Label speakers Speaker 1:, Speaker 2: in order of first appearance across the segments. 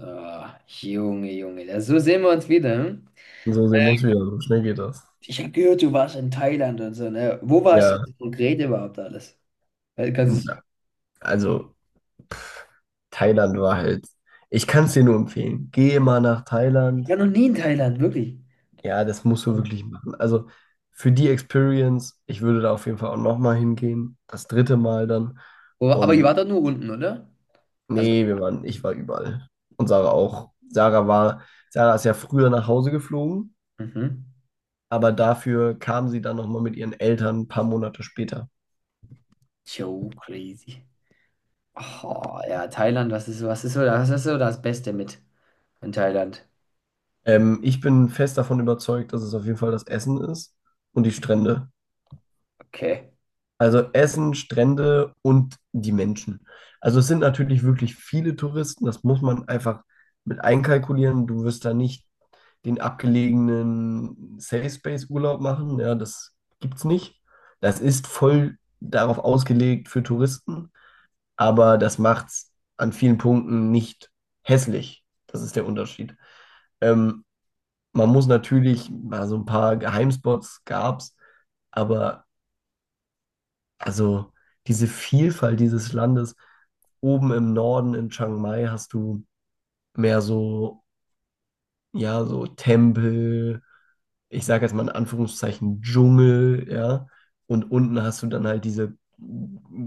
Speaker 1: Ah, Junge, Junge, da, so sehen wir uns wieder. Hm?
Speaker 2: So sehen wir uns wieder, so schnell geht das.
Speaker 1: Ich habe gehört, du warst in Thailand und so, ne? Wo warst du
Speaker 2: Ja,
Speaker 1: denn konkret überhaupt alles? Weil, kannst du.
Speaker 2: ja. Also Thailand war halt, ich kann es dir nur empfehlen. Geh mal nach
Speaker 1: Ich
Speaker 2: Thailand.
Speaker 1: war noch nie in Thailand, wirklich.
Speaker 2: Ja, das musst du wirklich machen. Also für die Experience, ich würde da auf jeden Fall auch nochmal hingehen. Das dritte Mal dann.
Speaker 1: Aber ihr
Speaker 2: Und
Speaker 1: wart doch nur unten, oder? Also,
Speaker 2: nee, wir waren, ich war überall. Und Sarah auch. Sarah ist ja früher nach Hause geflogen,
Speaker 1: mhm.
Speaker 2: aber dafür kam sie dann nochmal mit ihren Eltern ein paar Monate später.
Speaker 1: Yo, crazy. Oh, ja, Thailand, was ist so das Beste mit in Thailand?
Speaker 2: Ich bin fest davon überzeugt, dass es auf jeden Fall das Essen ist und die Strände.
Speaker 1: Okay.
Speaker 2: Also Essen, Strände und die Menschen. Also es sind natürlich wirklich viele Touristen, das muss man einfach mit einkalkulieren. Du wirst da nicht den abgelegenen Safe Space Urlaub machen, ja, das gibt's nicht. Das ist voll darauf ausgelegt für Touristen, aber das macht's an vielen Punkten nicht hässlich. Das ist der Unterschied. Ähm, Man muss natürlich, also ein paar Geheimspots gab's, aber also diese Vielfalt dieses Landes, oben im Norden in Chiang Mai hast du mehr so, ja, so Tempel, ich sage jetzt mal in Anführungszeichen Dschungel, ja, und unten hast du dann halt diese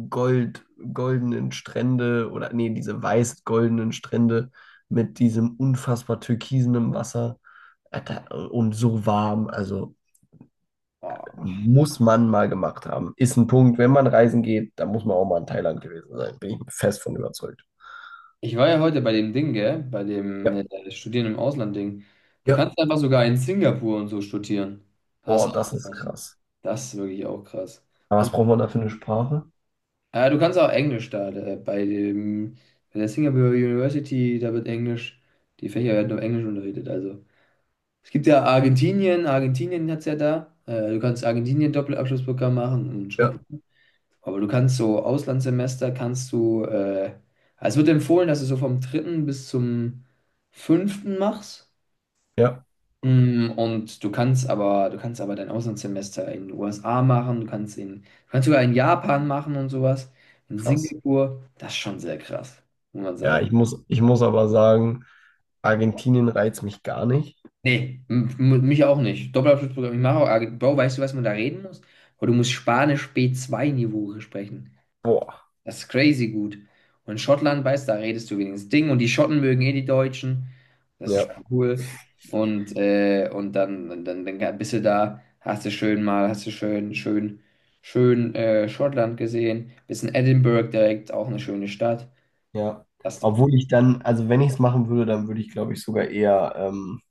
Speaker 2: gold, goldenen Strände oder nee, diese weiß-goldenen Strände mit diesem unfassbar türkisenen Wasser. Alter, und so warm, also
Speaker 1: Oh.
Speaker 2: muss man mal gemacht haben. Ist ein Punkt, wenn man reisen geht, da muss man auch mal in Thailand gewesen sein. Bin ich fest von überzeugt.
Speaker 1: Ich war ja heute bei dem Ding, gell? Bei dem
Speaker 2: Ja,
Speaker 1: Studieren im Ausland-Ding. Du
Speaker 2: ja.
Speaker 1: kannst einfach sogar in Singapur und so studieren. Das ist
Speaker 2: Boah, das
Speaker 1: auch
Speaker 2: ist
Speaker 1: was.
Speaker 2: krass.
Speaker 1: Das ist wirklich auch krass.
Speaker 2: Aber was
Speaker 1: Und,
Speaker 2: braucht man da für eine Sprache?
Speaker 1: du kannst auch Englisch da, bei dem, bei der Singapore University, da wird Englisch, die Fächer werden auf Englisch unterrichtet. Also es gibt ja Argentinien, Argentinien hat es ja da. Du kannst Argentinien-Doppelabschlussprogramm machen und
Speaker 2: Ja.
Speaker 1: Schottland. Aber du kannst so Auslandssemester, kannst du, also es wird empfohlen, dass du so vom dritten bis zum fünften machst.
Speaker 2: Ja,
Speaker 1: Und du kannst aber dein Auslandssemester in den USA machen, du kannst in, du kannst sogar in Japan machen und sowas. In
Speaker 2: krass.
Speaker 1: Singapur, das ist schon sehr krass, muss man
Speaker 2: Ja,
Speaker 1: sagen.
Speaker 2: ich muss aber sagen, Argentinien reizt mich gar nicht.
Speaker 1: Nee, mich auch nicht. Doppelabschlussprogramm, ich mache auch, ah, Bro, weißt du, was man da reden muss? Aber du musst Spanisch B2-Niveau sprechen.
Speaker 2: Boah,
Speaker 1: Das ist crazy gut. Und in Schottland, weißt du, da redest du wenigstens Ding und die Schotten mögen eh die Deutschen. Das ist
Speaker 2: ja,
Speaker 1: cool. Und dann bist du da, hast du schön, schön, schön Schottland gesehen. Bist in Edinburgh direkt, auch eine schöne Stadt.
Speaker 2: ja.
Speaker 1: Das ist doch.
Speaker 2: Obwohl ich dann, also wenn ich es machen würde, dann würde ich, glaube ich, sogar eher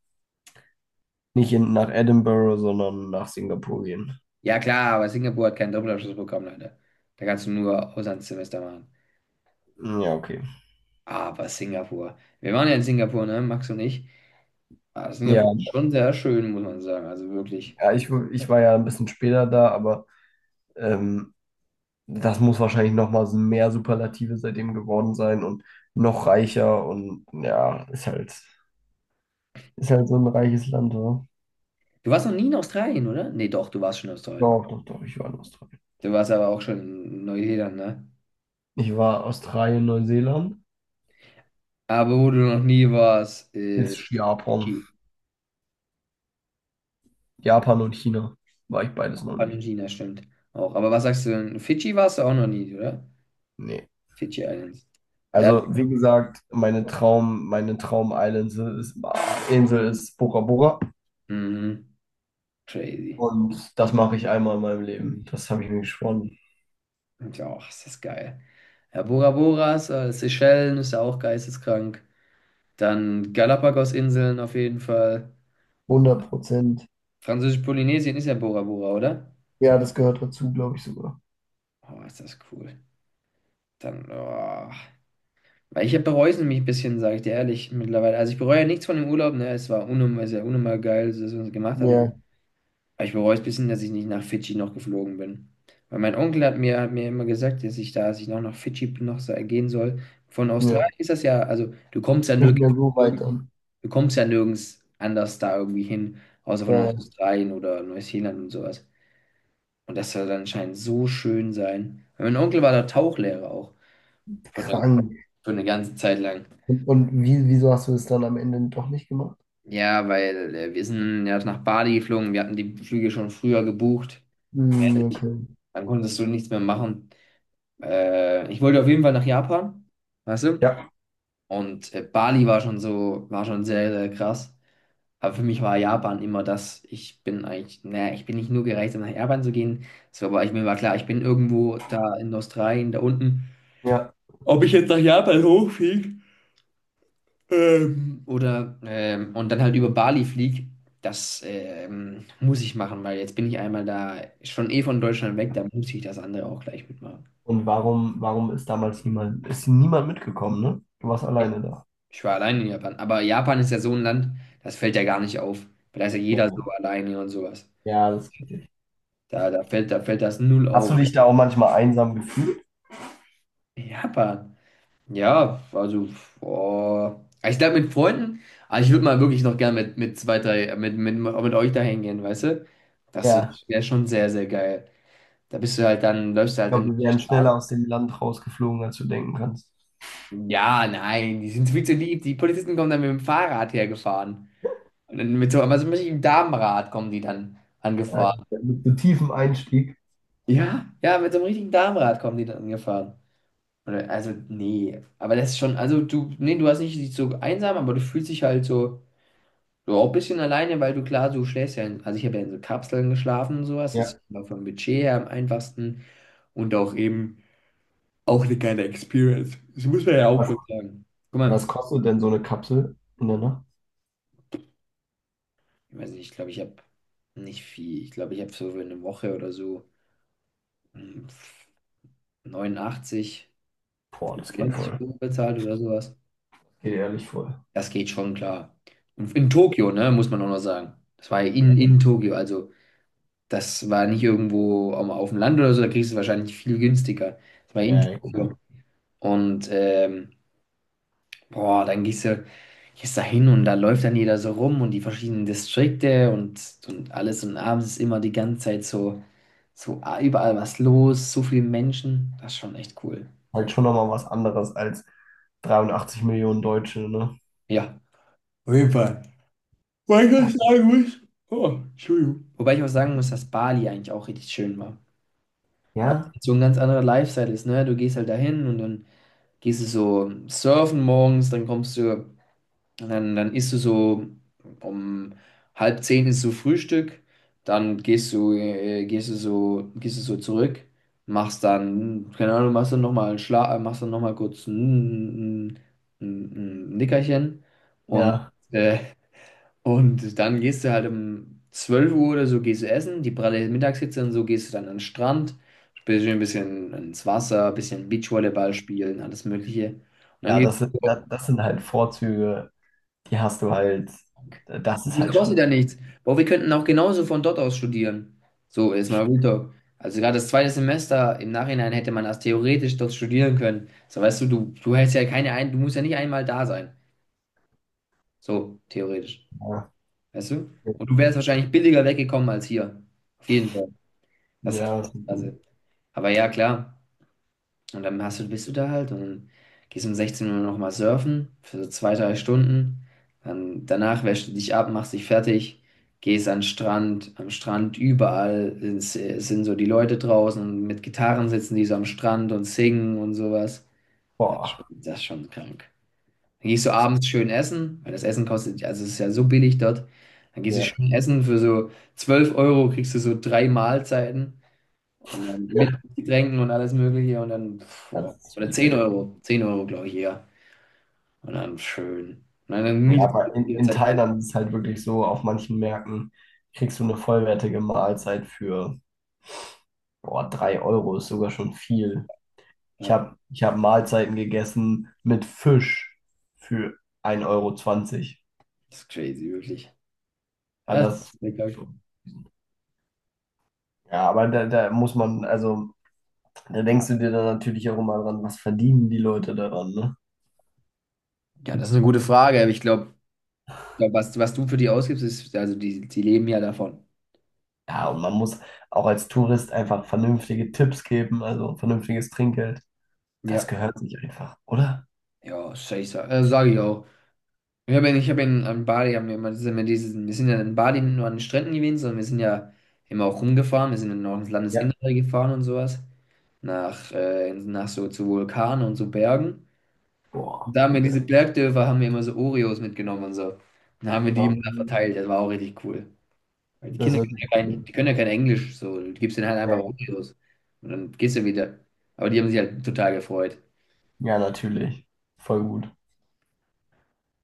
Speaker 2: nicht nach Edinburgh, sondern nach Singapur gehen.
Speaker 1: Ja, klar, aber Singapur hat keinen Doppelabschluss bekommen, leider. Da kannst du nur Auslandssemester machen.
Speaker 2: Ja, okay.
Speaker 1: Aber Singapur. Wir waren ja in Singapur, ne, Max und ich. Ah,
Speaker 2: Ja,
Speaker 1: Singapur ist schon sehr schön, muss man sagen. Also wirklich.
Speaker 2: ja, ich war ja ein bisschen später da, aber ähm, das muss wahrscheinlich noch mal so mehr Superlative seitdem geworden sein und noch reicher, und ja, ist halt so ein reiches Land, oder?
Speaker 1: Du warst noch nie in Australien, oder? Nee, doch, du warst schon in Australien.
Speaker 2: Doch, doch, doch, ich war in Australien.
Speaker 1: Du warst aber auch schon in Neuseeland, ne?
Speaker 2: Ich war Australien, Neuseeland,
Speaker 1: Aber wo du noch nie warst, ist
Speaker 2: ist Japan.
Speaker 1: Fidschi.
Speaker 2: Japan und China war ich beides
Speaker 1: Auch
Speaker 2: noch nicht.
Speaker 1: China, stimmt. Auch. Aber was sagst du denn? Fidschi warst du auch noch nie, oder?
Speaker 2: Nee.
Speaker 1: Fidschi Islands. Da,
Speaker 2: Also, wie gesagt, meine Traum-Island ist, Insel ist Bora Bora,
Speaker 1: mhm, crazy.
Speaker 2: und das mache ich einmal in meinem Leben. Das habe ich mir geschworen.
Speaker 1: Und ja, och, ist das geil. Ja, Bora Boras, Seychellen ist ja auch geisteskrank. Dann Galapagos-Inseln auf jeden Fall.
Speaker 2: 100%.
Speaker 1: Französisch-Polynesien ist ja Bora Bora, oder?
Speaker 2: Ja, das gehört dazu, glaube ich sogar.
Speaker 1: Oh, ist das cool. Dann, oh. Weil ich bereue es nämlich ein bisschen, sage ich dir ehrlich, mittlerweile. Also ich bereue ja nichts von dem Urlaub, ne? Es war unnormal, sehr unnormal geil, dass man es gemacht hat. Aber
Speaker 2: Ja,
Speaker 1: ich bereue es ein bisschen, dass ich nicht nach Fidschi noch geflogen bin. Weil mein Onkel hat mir immer gesagt, dass ich da, dass ich noch nach Fidschi noch gehen soll. Von Australien
Speaker 2: ja.
Speaker 1: ist das ja, also du kommst ja
Speaker 2: Nicht
Speaker 1: nirgends,
Speaker 2: mehr so
Speaker 1: du
Speaker 2: weit dann.
Speaker 1: kommst ja nirgends anders da irgendwie hin, außer von
Speaker 2: Ja,
Speaker 1: Australien oder Neuseeland und sowas. Und das soll dann anscheinend so schön sein. Weil mein Onkel war da Tauchlehrer auch, für eine,
Speaker 2: krank.
Speaker 1: für eine ganze Zeit lang.
Speaker 2: Und wieso hast du es dann am Ende doch nicht gemacht?
Speaker 1: Ja, weil wir sind ja nach Bali geflogen, wir hatten die Flüge schon früher gebucht,
Speaker 2: Hm, okay.
Speaker 1: dann konntest du nichts mehr machen. Ich wollte auf jeden Fall nach Japan, weißt du?
Speaker 2: Ja.
Speaker 1: Und Bali war schon so, war schon sehr, sehr krass. Aber für mich war Japan immer das, ich bin eigentlich, naja, ich bin nicht nur gereist, um nach Japan zu gehen. So, aber ich, mir war klar, ich bin irgendwo da in Australien, da unten.
Speaker 2: Ja.
Speaker 1: Ob ich jetzt nach Japan hochfliege? Oder und dann halt über Bali flieg. Das muss ich machen, weil jetzt bin ich einmal da, schon eh von Deutschland weg, da muss ich das andere auch gleich mitmachen.
Speaker 2: Und warum ist damals ist niemand mitgekommen, ne? Du warst alleine da.
Speaker 1: Ich war allein in Japan, aber Japan ist ja so ein Land, das fällt ja gar nicht auf. Da ist ja
Speaker 2: Ja,
Speaker 1: jeder so alleine und sowas.
Speaker 2: ja, das ist richtig.
Speaker 1: Da fällt das null
Speaker 2: Hast
Speaker 1: auf.
Speaker 2: du dich da auch manchmal einsam gefühlt?
Speaker 1: Japan. Ja, also, boah. Ich glaube mit Freunden, aber ich würde mal wirklich noch gern mit zwei, drei, mit euch da hingehen, weißt du? Das
Speaker 2: Ja.
Speaker 1: wäre schon sehr, sehr geil. Da bist du halt dann, läufst du
Speaker 2: Ich
Speaker 1: halt dann
Speaker 2: glaube,
Speaker 1: durch
Speaker 2: wir
Speaker 1: die
Speaker 2: wären
Speaker 1: Straße.
Speaker 2: schneller aus dem Land rausgeflogen, als du denken kannst.
Speaker 1: Ja, nein, die sind viel zu lieb. Die Polizisten kommen dann mit dem Fahrrad hergefahren. Und dann mit so, aber so einem richtigen Damenrad kommen die dann
Speaker 2: Äh,
Speaker 1: angefahren.
Speaker 2: Mit so tiefem Einstieg.
Speaker 1: Ja, ja, mit so einem richtigen Damenrad kommen die dann angefahren. Oder, also, nee. Aber das ist schon, also du, nee, du hast nicht dich so einsam, aber du fühlst dich halt so auch ein bisschen alleine, weil du klar, du schläfst ja in, also ich habe ja in so Kapseln geschlafen und sowas. Das ist
Speaker 2: Ja.
Speaker 1: immer vom Budget her am einfachsten und auch eben auch eine geile Experience. Das muss man ja auch
Speaker 2: Was,
Speaker 1: schon sagen. Guck
Speaker 2: was
Speaker 1: mal.
Speaker 2: kostet denn so eine Kapsel in der Nacht?
Speaker 1: Ich weiß nicht, ich glaube, ich habe nicht viel. Ich glaube, ich habe so für eine Woche oder so mm, 89,
Speaker 2: Boah, das geht
Speaker 1: 90
Speaker 2: voll.
Speaker 1: Euro bezahlt oder sowas.
Speaker 2: Geht ehrlich voll.
Speaker 1: Das geht schon klar. Und in Tokio, ne, muss man auch noch sagen. Das war ja in,
Speaker 2: Ja,
Speaker 1: in Tokio, also das war nicht irgendwo auf dem Land oder so, da kriegst du es wahrscheinlich viel günstiger. Das war in
Speaker 2: ja,
Speaker 1: Tokio.
Speaker 2: ja.
Speaker 1: Und boah, dann gehst du, gehst da hin und da läuft dann jeder so rum und die verschiedenen Distrikte und, alles und abends ist immer die ganze Zeit so, so überall was los, so viele Menschen. Das ist schon echt cool.
Speaker 2: Halt schon nochmal was anderes als 83 Millionen Deutsche, ne?
Speaker 1: Ja. Auf jeden Fall. Weil ich was
Speaker 2: Ja.
Speaker 1: sagen muss. Oh, Entschuldigung. Wobei ich auch sagen muss, dass Bali eigentlich auch richtig schön war. Weil es
Speaker 2: Ja.
Speaker 1: halt so ein ganz anderer Lifestyle ist, ne? Du gehst halt dahin und dann gehst du so surfen morgens, dann kommst du. Und dann isst du so um halb zehn ist so Frühstück, dann gehst du so zurück, machst dann, keine Ahnung, machst dann noch mal kurz ein Nickerchen und,
Speaker 2: Ja.
Speaker 1: äh, und dann gehst du halt um 12 Uhr oder so, gehst du essen, die pralle Mittagshitze und so, gehst du dann an den Strand, spielst du ein bisschen ins Wasser, ein bisschen Beachvolleyball spielen, alles Mögliche. Und dann
Speaker 2: Ja,
Speaker 1: gehst
Speaker 2: das sind,
Speaker 1: du
Speaker 2: das,
Speaker 1: so.
Speaker 2: das sind halt Vorzüge, die hast du halt, das ist
Speaker 1: Das
Speaker 2: halt schon
Speaker 1: kostet ja
Speaker 2: sehr,
Speaker 1: nichts. Boah, wir könnten auch genauso von dort aus studieren. So, ist mal Real Talk. Also gerade das zweite Semester, im Nachhinein hätte man das theoretisch dort studieren können. So, weißt du, du hättest ja keine ein, du musst ja nicht einmal da sein. So, theoretisch.
Speaker 2: ja,
Speaker 1: Weißt du?
Speaker 2: sehr
Speaker 1: Und du wärst
Speaker 2: kritisch.
Speaker 1: wahrscheinlich billiger weggekommen als hier. Auf jeden Fall. Das ist halt auch
Speaker 2: Ja, das ist
Speaker 1: das Krasse.
Speaker 2: ein,
Speaker 1: Aber ja, klar. Und dann hast du, bist du da halt und gehst um 16 Uhr nochmal surfen für so zwei, drei Stunden. Dann danach wäschst du dich ab, machst dich fertig, gehst an den Strand. Am Strand überall sind so die Leute draußen und mit Gitarren sitzen die so am Strand und singen und sowas. Das ist schon,
Speaker 2: boah,
Speaker 1: das ist schon krank. Dann gehst du abends schön essen, weil das Essen kostet, ja, also es ist ja so billig dort. Dann gehst du
Speaker 2: ja,
Speaker 1: schön essen für so 12 Euro, kriegst du so drei Mahlzeiten. Und dann mit
Speaker 2: ja,
Speaker 1: Getränken und alles Mögliche und dann, pf, boah,
Speaker 2: das ist
Speaker 1: oder
Speaker 2: schon
Speaker 1: 10
Speaker 2: sehr.
Speaker 1: Euro, 10 Euro, glaube ich, eher. Und dann schön. Und dann
Speaker 2: Ja,
Speaker 1: mietest du
Speaker 2: aber in,
Speaker 1: die
Speaker 2: in
Speaker 1: ganze Zeit.
Speaker 2: Thailand ist es halt wirklich so, auf manchen Märkten kriegst du eine vollwertige Mahlzeit für, boah, 3 Euro ist sogar schon viel. Ich
Speaker 1: Ja,
Speaker 2: habe ich hab Mahlzeiten gegessen mit Fisch für 1,20 €
Speaker 1: das ist crazy, wirklich.
Speaker 2: Ah,
Speaker 1: Ja, das
Speaker 2: das
Speaker 1: ist lecker.
Speaker 2: schon. Ja, aber da muss man, also da denkst du dir dann natürlich auch immer dran, was verdienen die Leute daran, ne?
Speaker 1: Ja, das ist eine gute Frage, aber ich glaube, glaub, glaub, was du für die ausgibst, ist, also die leben ja davon.
Speaker 2: Ja, und man muss auch als Tourist einfach vernünftige Tipps geben, also vernünftiges Trinkgeld. Das
Speaker 1: Ja,
Speaker 2: gehört sich einfach, oder?
Speaker 1: ja, safe, sag ich auch. Ich hab ja in, an Bali, haben wir immer, das immer dieses, wir sind ja in Bali nicht nur an den Stränden gewesen, sondern wir sind ja immer auch rumgefahren, wir sind dann auch ins
Speaker 2: Ja.
Speaker 1: Landesinnere gefahren und sowas. Nach so zu Vulkanen und so Bergen.
Speaker 2: Boah,
Speaker 1: Und da haben wir
Speaker 2: voll geil.
Speaker 1: diese Bergdörfer, haben wir immer so Oreos mitgenommen und so. Und dann haben wir die immer da
Speaker 2: Ähm,
Speaker 1: verteilt. Das war auch richtig cool. Weil die
Speaker 2: Das
Speaker 1: Kinder
Speaker 2: hört
Speaker 1: können
Speaker 2: sich
Speaker 1: ja
Speaker 2: gut
Speaker 1: kein, die
Speaker 2: an.
Speaker 1: können ja kein Englisch, so. Du gibst denen halt
Speaker 2: Ja,
Speaker 1: einfach
Speaker 2: ja.
Speaker 1: Oreos. Und dann gehst du wieder. Aber die haben sich halt total gefreut.
Speaker 2: Ja, natürlich. Voll gut.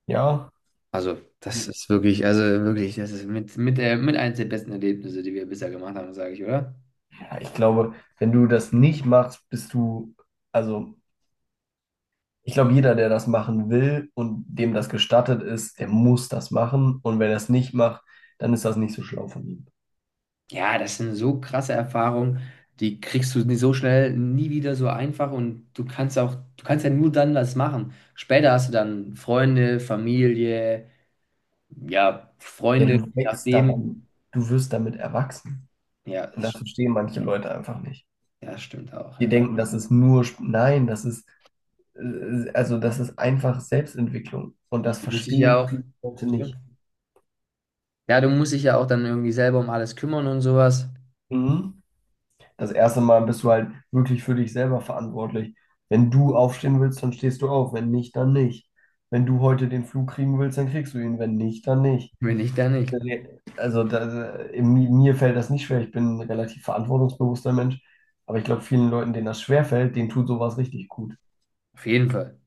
Speaker 2: Ja.
Speaker 1: Also, das ist wirklich, also wirklich, das ist mit eins der besten Erlebnisse, die wir bisher gemacht haben, sage ich, oder?
Speaker 2: Ja, ich glaube, wenn du das nicht machst, bist du, also ich glaube, jeder, der das machen will und dem das gestattet ist, der muss das machen. Und wenn er es nicht macht, dann ist das nicht so schlau von ihm.
Speaker 1: Ja, das sind so krasse Erfahrungen, die kriegst du nie so schnell nie wieder so einfach und du kannst auch, du kannst ja nur dann was machen. Später hast du dann Freunde, Familie, ja,
Speaker 2: Ja,
Speaker 1: Freunde, je
Speaker 2: du wächst
Speaker 1: nachdem.
Speaker 2: daran, du wirst damit erwachsen.
Speaker 1: Ja,
Speaker 2: Und
Speaker 1: das,
Speaker 2: das verstehen manche Leute einfach nicht.
Speaker 1: ja, stimmt auch,
Speaker 2: Die
Speaker 1: ja.
Speaker 2: denken, das ist nur, nein, das ist, also das ist einfach Selbstentwicklung. Und das
Speaker 1: Du musst dich ja
Speaker 2: verstehen
Speaker 1: auch,
Speaker 2: viele Leute
Speaker 1: stimmt.
Speaker 2: nicht.
Speaker 1: Ja, du musst dich ja auch dann irgendwie selber um alles kümmern und sowas.
Speaker 2: Mhm. Das erste Mal bist du halt wirklich für dich selber verantwortlich. Wenn du aufstehen willst, dann stehst du auf. Wenn nicht, dann nicht. Wenn du heute den Flug kriegen willst, dann kriegst du ihn. Wenn nicht, dann nicht.
Speaker 1: Wenn nicht, dann nicht.
Speaker 2: Also mir fällt das nicht schwer. Ich bin ein relativ verantwortungsbewusster Mensch. Aber ich glaube, vielen Leuten, denen das schwerfällt, denen tut sowas richtig gut.
Speaker 1: Auf jeden Fall.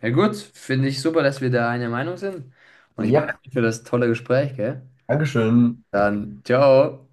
Speaker 1: Ja, gut, finde ich super, dass wir da einer Meinung sind. Und ich bedanke
Speaker 2: Yep.
Speaker 1: mich für das tolle Gespräch, gell?
Speaker 2: Dankeschön.
Speaker 1: Dann, ciao.